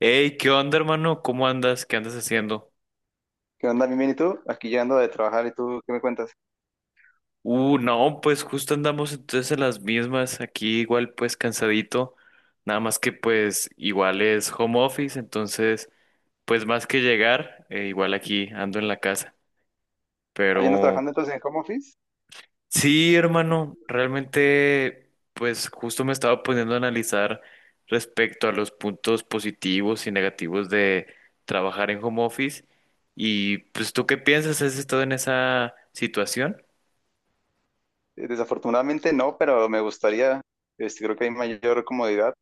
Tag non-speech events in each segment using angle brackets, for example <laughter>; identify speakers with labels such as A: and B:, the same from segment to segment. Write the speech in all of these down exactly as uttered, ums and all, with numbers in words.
A: Hey, ¿qué onda, hermano? ¿Cómo andas? ¿Qué andas haciendo?
B: ¿Qué onda, bien, bien? ¿Y tú? Aquí llegando de trabajar, ¿y tú qué me cuentas?
A: Uh, no, pues justo andamos entonces en las mismas, aquí igual pues cansadito, nada más que pues igual es home office, entonces pues más que llegar, eh, igual aquí ando en la casa,
B: ¿Ah, ya andas
A: pero
B: trabajando entonces en home office?
A: sí, hermano, realmente pues justo me estaba poniendo a analizar respecto a los puntos positivos y negativos de trabajar en home office. Y pues ¿tú qué piensas? ¿Has estado en esa situación?
B: Eh, Desafortunadamente no, pero me gustaría, este, creo que hay mayor comodidad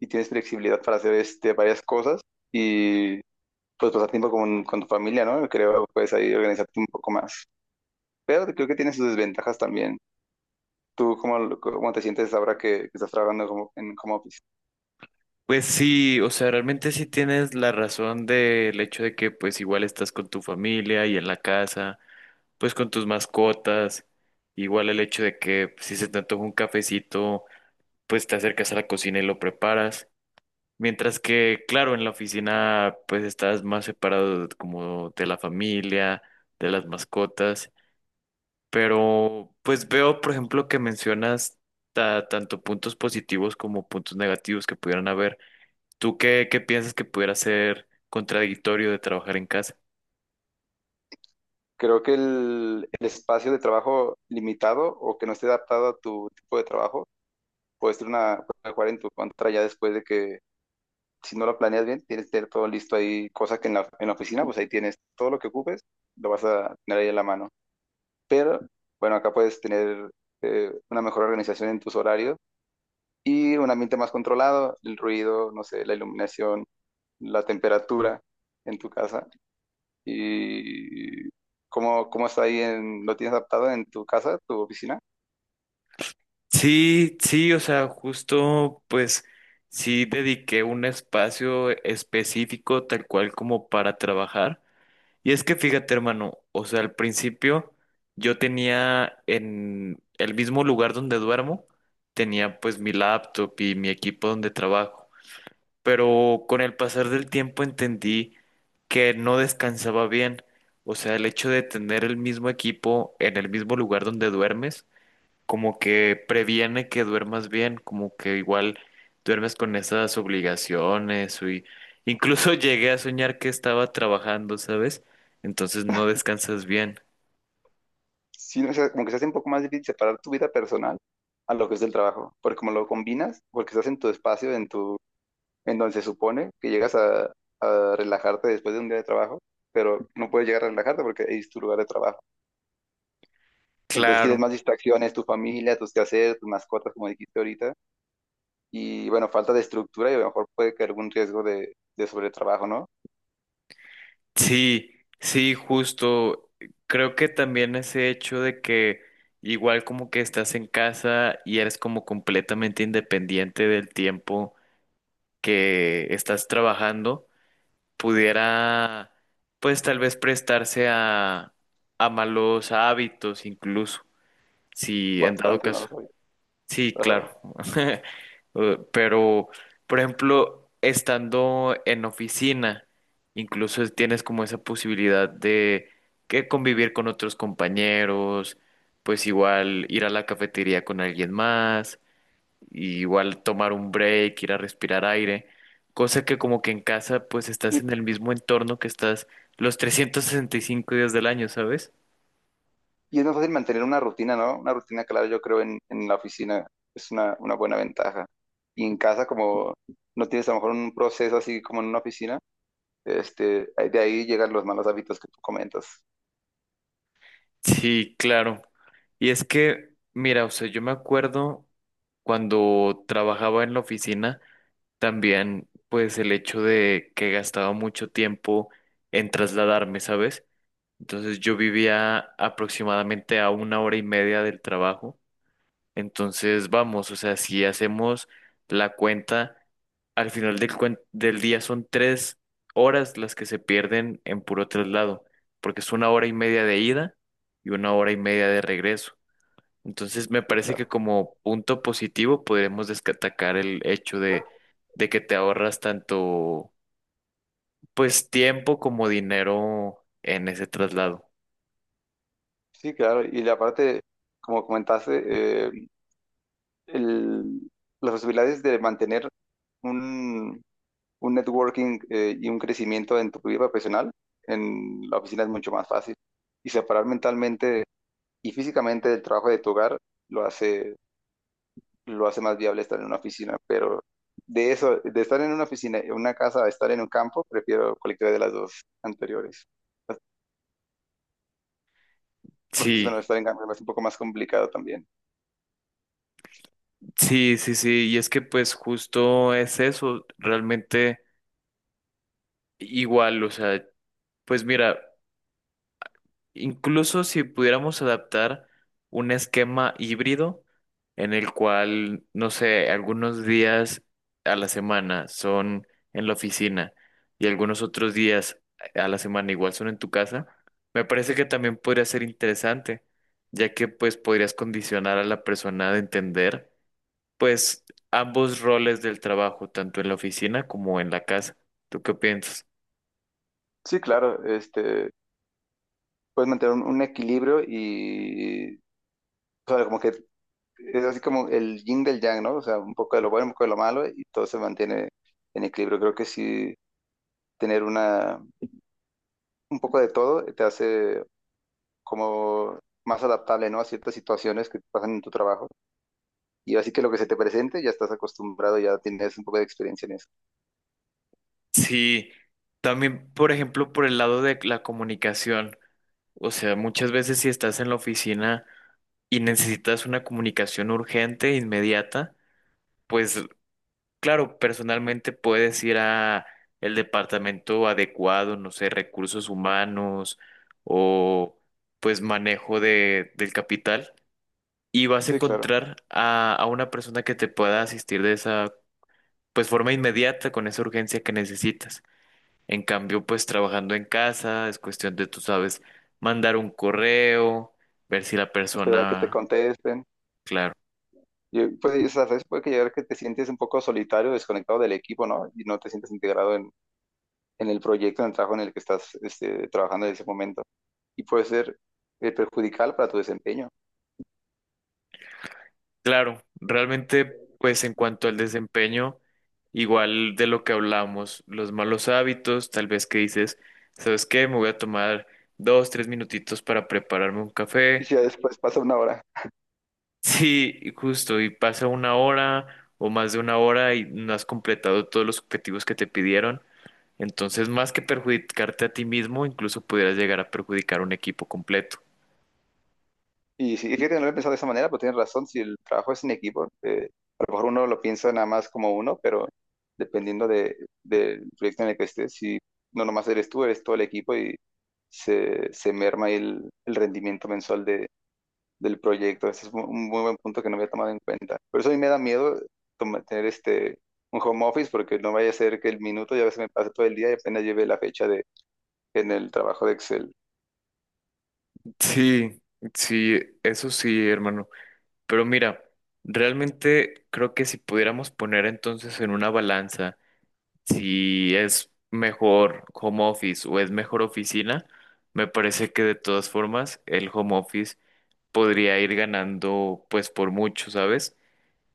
B: y tienes flexibilidad para hacer este, varias cosas y pues pasar tiempo con, con tu familia, ¿no? Creo, puedes ahí organizarte un poco más. Pero creo que tiene sus desventajas también. ¿Tú cómo, lo- cómo te sientes ahora que, que estás trabajando como- en home office?
A: Pues sí, o sea, realmente sí tienes la razón del hecho de que pues igual estás con tu familia y en la casa, pues con tus mascotas, igual el hecho de que si se te antoja un cafecito, pues te acercas a la cocina y lo preparas, mientras que claro, en la oficina pues estás más separado de- como de la familia, de las mascotas, pero pues veo, por ejemplo, que mencionas ta- tanto puntos positivos como puntos negativos que pudieran haber. ¿Tú qué, qué piensas que pudiera ser contradictorio de trabajar en casa?
B: Creo que el, el espacio de trabajo limitado o que no esté adaptado a tu tipo de trabajo puedes tener una, puedes jugar en tu contra ya después de que, si no lo planeas bien, tienes que tener todo listo ahí, cosa que en la, en la oficina, pues ahí tienes todo lo que ocupes, lo vas a tener ahí en la mano. Pero, bueno, acá puedes tener eh, una mejor organización en tus horarios y un ambiente más controlado, el ruido, no sé, la iluminación, la temperatura en tu casa y cómo, cómo está ahí, en, lo tienes adaptado en tu casa, tu oficina.
A: Sí, sí, o sea, justo pues sí dediqué un espacio específico tal cual como para trabajar. Y es que fíjate, hermano, o sea, al principio yo tenía en el mismo lugar donde duermo, tenía pues mi laptop y mi equipo donde trabajo. Pero con el pasar del tiempo entendí que no descansaba bien. O sea, el hecho de tener el mismo equipo en el mismo lugar donde duermes, como que previene que duermas bien, como que igual duermes con esas obligaciones y incluso <laughs> llegué a soñar que estaba trabajando, ¿sabes? Entonces no descansas bien.
B: sí, o sea, como que se hace un poco más difícil separar tu vida personal a lo que es el trabajo, porque como lo combinas, porque estás en tu espacio, en tu, en donde se supone que llegas a, a relajarte después de un día de trabajo, pero no puedes llegar a relajarte porque es tu lugar de trabajo. Entonces tienes
A: Claro.
B: más distracciones, tu familia, tus quehaceres, tus mascotas, como dijiste ahorita, y bueno, falta de estructura y a lo mejor puede caer algún riesgo de, de sobretrabajo, ¿no?
A: Sí, sí, justo. Creo que también ese hecho de que igual como que estás en casa y eres como completamente independiente del tiempo que estás trabajando, pudiera pues tal vez prestarse a, a malos hábitos incluso, si en dado
B: Bastante, no lo
A: caso.
B: sabía.
A: Sí,
B: Ajá.
A: claro. <laughs> Eh, Pero, por ejemplo, estando en oficina, incluso es- tienes como esa posibilidad de que convivir con otros compañeros, pues igual ir a la cafetería con alguien más, y igual tomar un break, ir a respirar aire, cosa que como que en casa pues estás en el mismo entorno que estás los trescientos sesenta y cinco días del año, ¿sabes?
B: Y es más fácil mantener una rutina, ¿no? Una rutina clara, yo creo, en, en la oficina es una, una buena ventaja. Y en casa, como no tienes a lo mejor un proceso así como en una oficina, este, ahí- de ahí llegan los malos hábitos que tú comentas.
A: Sí, claro. Y es que, mira, o sea, yo me acuerdo cuando trabajaba en la oficina, también, pues el hecho de que gastaba mucho tiempo en trasladarme, ¿sabes? Entonces yo vivía aproximadamente a una hora y media del trabajo. Entonces, vamos, o sea, si hacemos la cuenta, al final del, cuen- del día son tres horas las que se pierden en puro traslado, porque es una hora y media de ida y una hora y media de regreso. Entonces, me
B: Sí,
A: parece que
B: claro.
A: como punto positivo podremos destacar el hecho de, de que te ahorras tanto, pues, tiempo como dinero en ese traslado.
B: Sí, claro. Y la parte, como comentaste, eh, el- las posibilidades de mantener un, un networking eh, y un crecimiento en tu vida profesional en la oficina es mucho más fácil. Y separar mentalmente y físicamente el trabajo de tu hogar lo hace, lo hace más viable estar en una oficina, pero de eso, de estar en una oficina, en una casa, a estar en un campo, prefiero cualquiera de las dos anteriores, porque si bueno,
A: Sí,
B: estar en campo es un poco más complicado también.
A: sí, sí, sí, y es que pues justo es eso, realmente. Igual, o sea, pues mira, incluso si pudiéramos adaptar un esquema híbrido en el cual, no sé, algunos días a la semana son en la oficina y algunos otros días a la semana igual son en tu casa, me parece que también podría ser interesante, ya que pues podrías condicionar a la persona de entender pues ambos roles del trabajo, tanto en la oficina como en la casa. ¿Tú qué piensas?
B: Sí, claro, este, puedes mantener un, un equilibrio y, o sea, como que es así como el yin del yang, ¿no? O sea, un poco de lo bueno, un poco de lo malo y todo se mantiene en equilibrio. Creo que sí, tener una, un poco de todo te hace como más adaptable, ¿no? A ciertas situaciones que pasan en tu trabajo. Y así que lo que se te presente, ya estás acostumbrado, ya tienes un poco de experiencia en eso.
A: Sí, también, por ejemplo, por el lado de la comunicación. O sea, muchas veces si estás en la oficina y necesitas una comunicación urgente, inmediata, pues claro, personalmente puedes ir a el departamento adecuado, no sé, recursos humanos o pues manejo de, del capital y vas a
B: Sí, claro.
A: encontrar a, a una persona que te pueda asistir de esa pues forma inmediata con esa urgencia que necesitas. En cambio, pues trabajando en casa es cuestión de, tú sabes, mandar un correo, ver si la
B: Esperar a que te
A: persona,
B: contesten.
A: claro,
B: Y, pues, a veces puede que llegar que te sientes un poco solitario, desconectado del equipo, ¿no? Y no te sientes integrado en, en el proyecto, en el trabajo en el que estás este, trabajando en ese momento. Y puede ser eh, perjudicial para tu desempeño.
A: claro, realmente, pues en cuanto al desempeño, igual de lo que hablamos, los malos hábitos, tal vez que dices, ¿sabes qué? Me voy a tomar dos, tres minutitos para prepararme un
B: Y
A: café.
B: si ya
A: <laughs>
B: después pasa una hora.
A: Sí, y justo, y pasa una hora o más de una hora y no has completado todos los objetivos que te pidieron. Entonces, más que perjudicarte a ti mismo, incluso pudieras llegar a perjudicar un equipo completo.
B: Y sí, fíjate, no lo he pensado de esa manera, pero tienes razón, si el trabajo es en equipo, eh, a lo mejor uno lo piensa nada más como uno, pero dependiendo de, del proyecto en el que estés, si no nomás eres tú, eres todo el equipo y se, se merma ahí el, el rendimiento mensual de, del proyecto. Ese es un un muy buen punto que no había tomado en cuenta. Por eso a mí me da miedo toma- tener este, un home office, porque no vaya a ser que el minuto ya se me pase todo el día y apenas lleve la fecha de, en el trabajo de Excel.
A: Sí, sí, eso sí, hermano. Pero mira, realmente creo que si pudiéramos poner entonces en una balanza si es mejor home office o es mejor oficina, me parece que de todas formas el home office podría ir ganando pues por mucho, ¿sabes?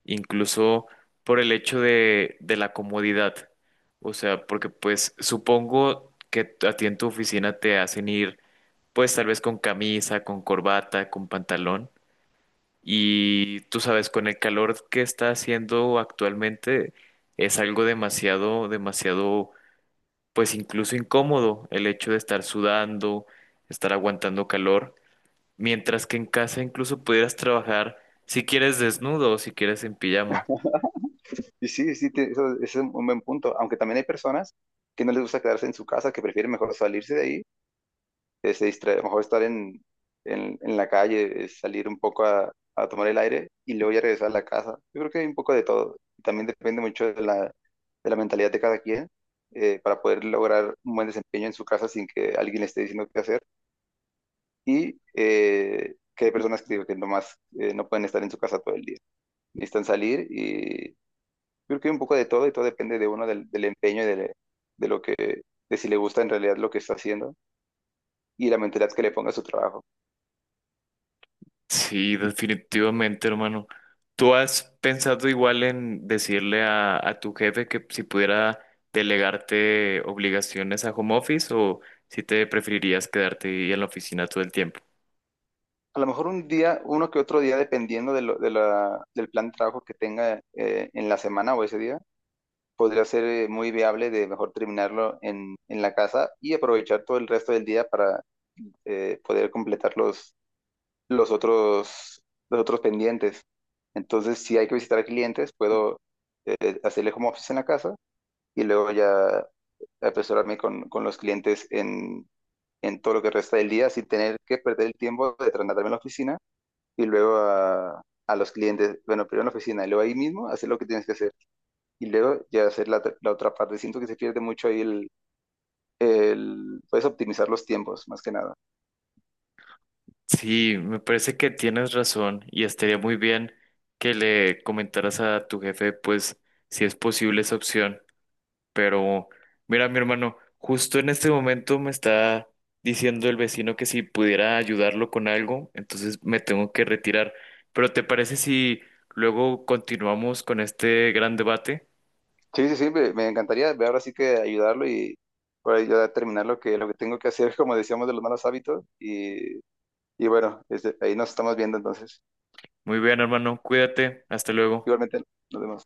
A: Incluso por el hecho de, de la comodidad. O sea, porque pues supongo que a ti en tu oficina te hacen ir pues tal vez con camisa, con corbata, con pantalón. Y tú sabes, con el calor que está haciendo actualmente es algo demasiado, demasiado, pues incluso incómodo el hecho de estar sudando, estar aguantando calor. Mientras que en casa incluso pudieras trabajar si quieres desnudo o si quieres en pijama.
B: Y sí, sí, te- eso, ese es un buen punto. Aunque también hay personas que no les gusta quedarse en su casa, que prefieren mejor salirse de ahí, eh, se distrae, mejor estar en, en, en la calle, eh, salir un poco a, a tomar el aire y luego ya regresar a la casa. Yo creo que hay un poco de todo. También depende mucho de la, de la mentalidad de cada quien eh, para poder lograr un buen desempeño en su casa sin que alguien le esté diciendo qué hacer. Y eh, que hay personas que, digo que nomás eh, no pueden estar en su casa todo el día. Necesitan salir y creo que hay un poco de todo y todo depende de uno, del, del empeño y de, de lo que, de si le gusta en realidad lo que está haciendo y la mentalidad que le ponga a su trabajo.
A: Sí, definitivamente, hermano. ¿Tú has pensado igual en decirle a, a tu jefe que si pudiera delegarte obligaciones a home office o si te preferirías quedarte ahí en la oficina todo el tiempo?
B: A lo mejor un día, uno que otro día, dependiendo de lo- de la- del plan de trabajo que tenga eh, en la semana o ese día, podría ser eh, muy viable de mejor terminarlo en, en la casa y aprovechar todo el resto del día para eh, poder completar los, los otros, los otros pendientes. Entonces, si hay que visitar a clientes, puedo eh, hacerle home office en la casa y luego ya apresurarme con, con los clientes en, en todo lo que resta del día sin tener que perder el tiempo de trasladarme a la oficina y luego a, a los clientes, bueno, primero en la oficina y luego ahí mismo hacer lo que tienes que hacer y luego ya hacer la, la otra parte. Siento que se pierde mucho ahí el, el puedes optimizar los tiempos, más que nada.
A: Sí, me parece que tienes razón y estaría muy bien que le comentaras a tu jefe, pues, si es posible esa opción. Pero mira, mi hermano, justo en este momento me está diciendo el vecino que si pudiera ayudarlo con algo, entonces me tengo que retirar. Pero ¿te parece si luego continuamos con este gran debate?
B: Sí, sí, sí, me, me encantaría ver ahora sí que ayudarlo y para ayudar a terminar lo que, lo que tengo que hacer, <laughs> como decíamos, de los malos hábitos y, y bueno, este, ahí nos estamos viendo entonces.
A: Muy bien, hermano, cuídate, hasta luego.
B: Igualmente, nos vemos.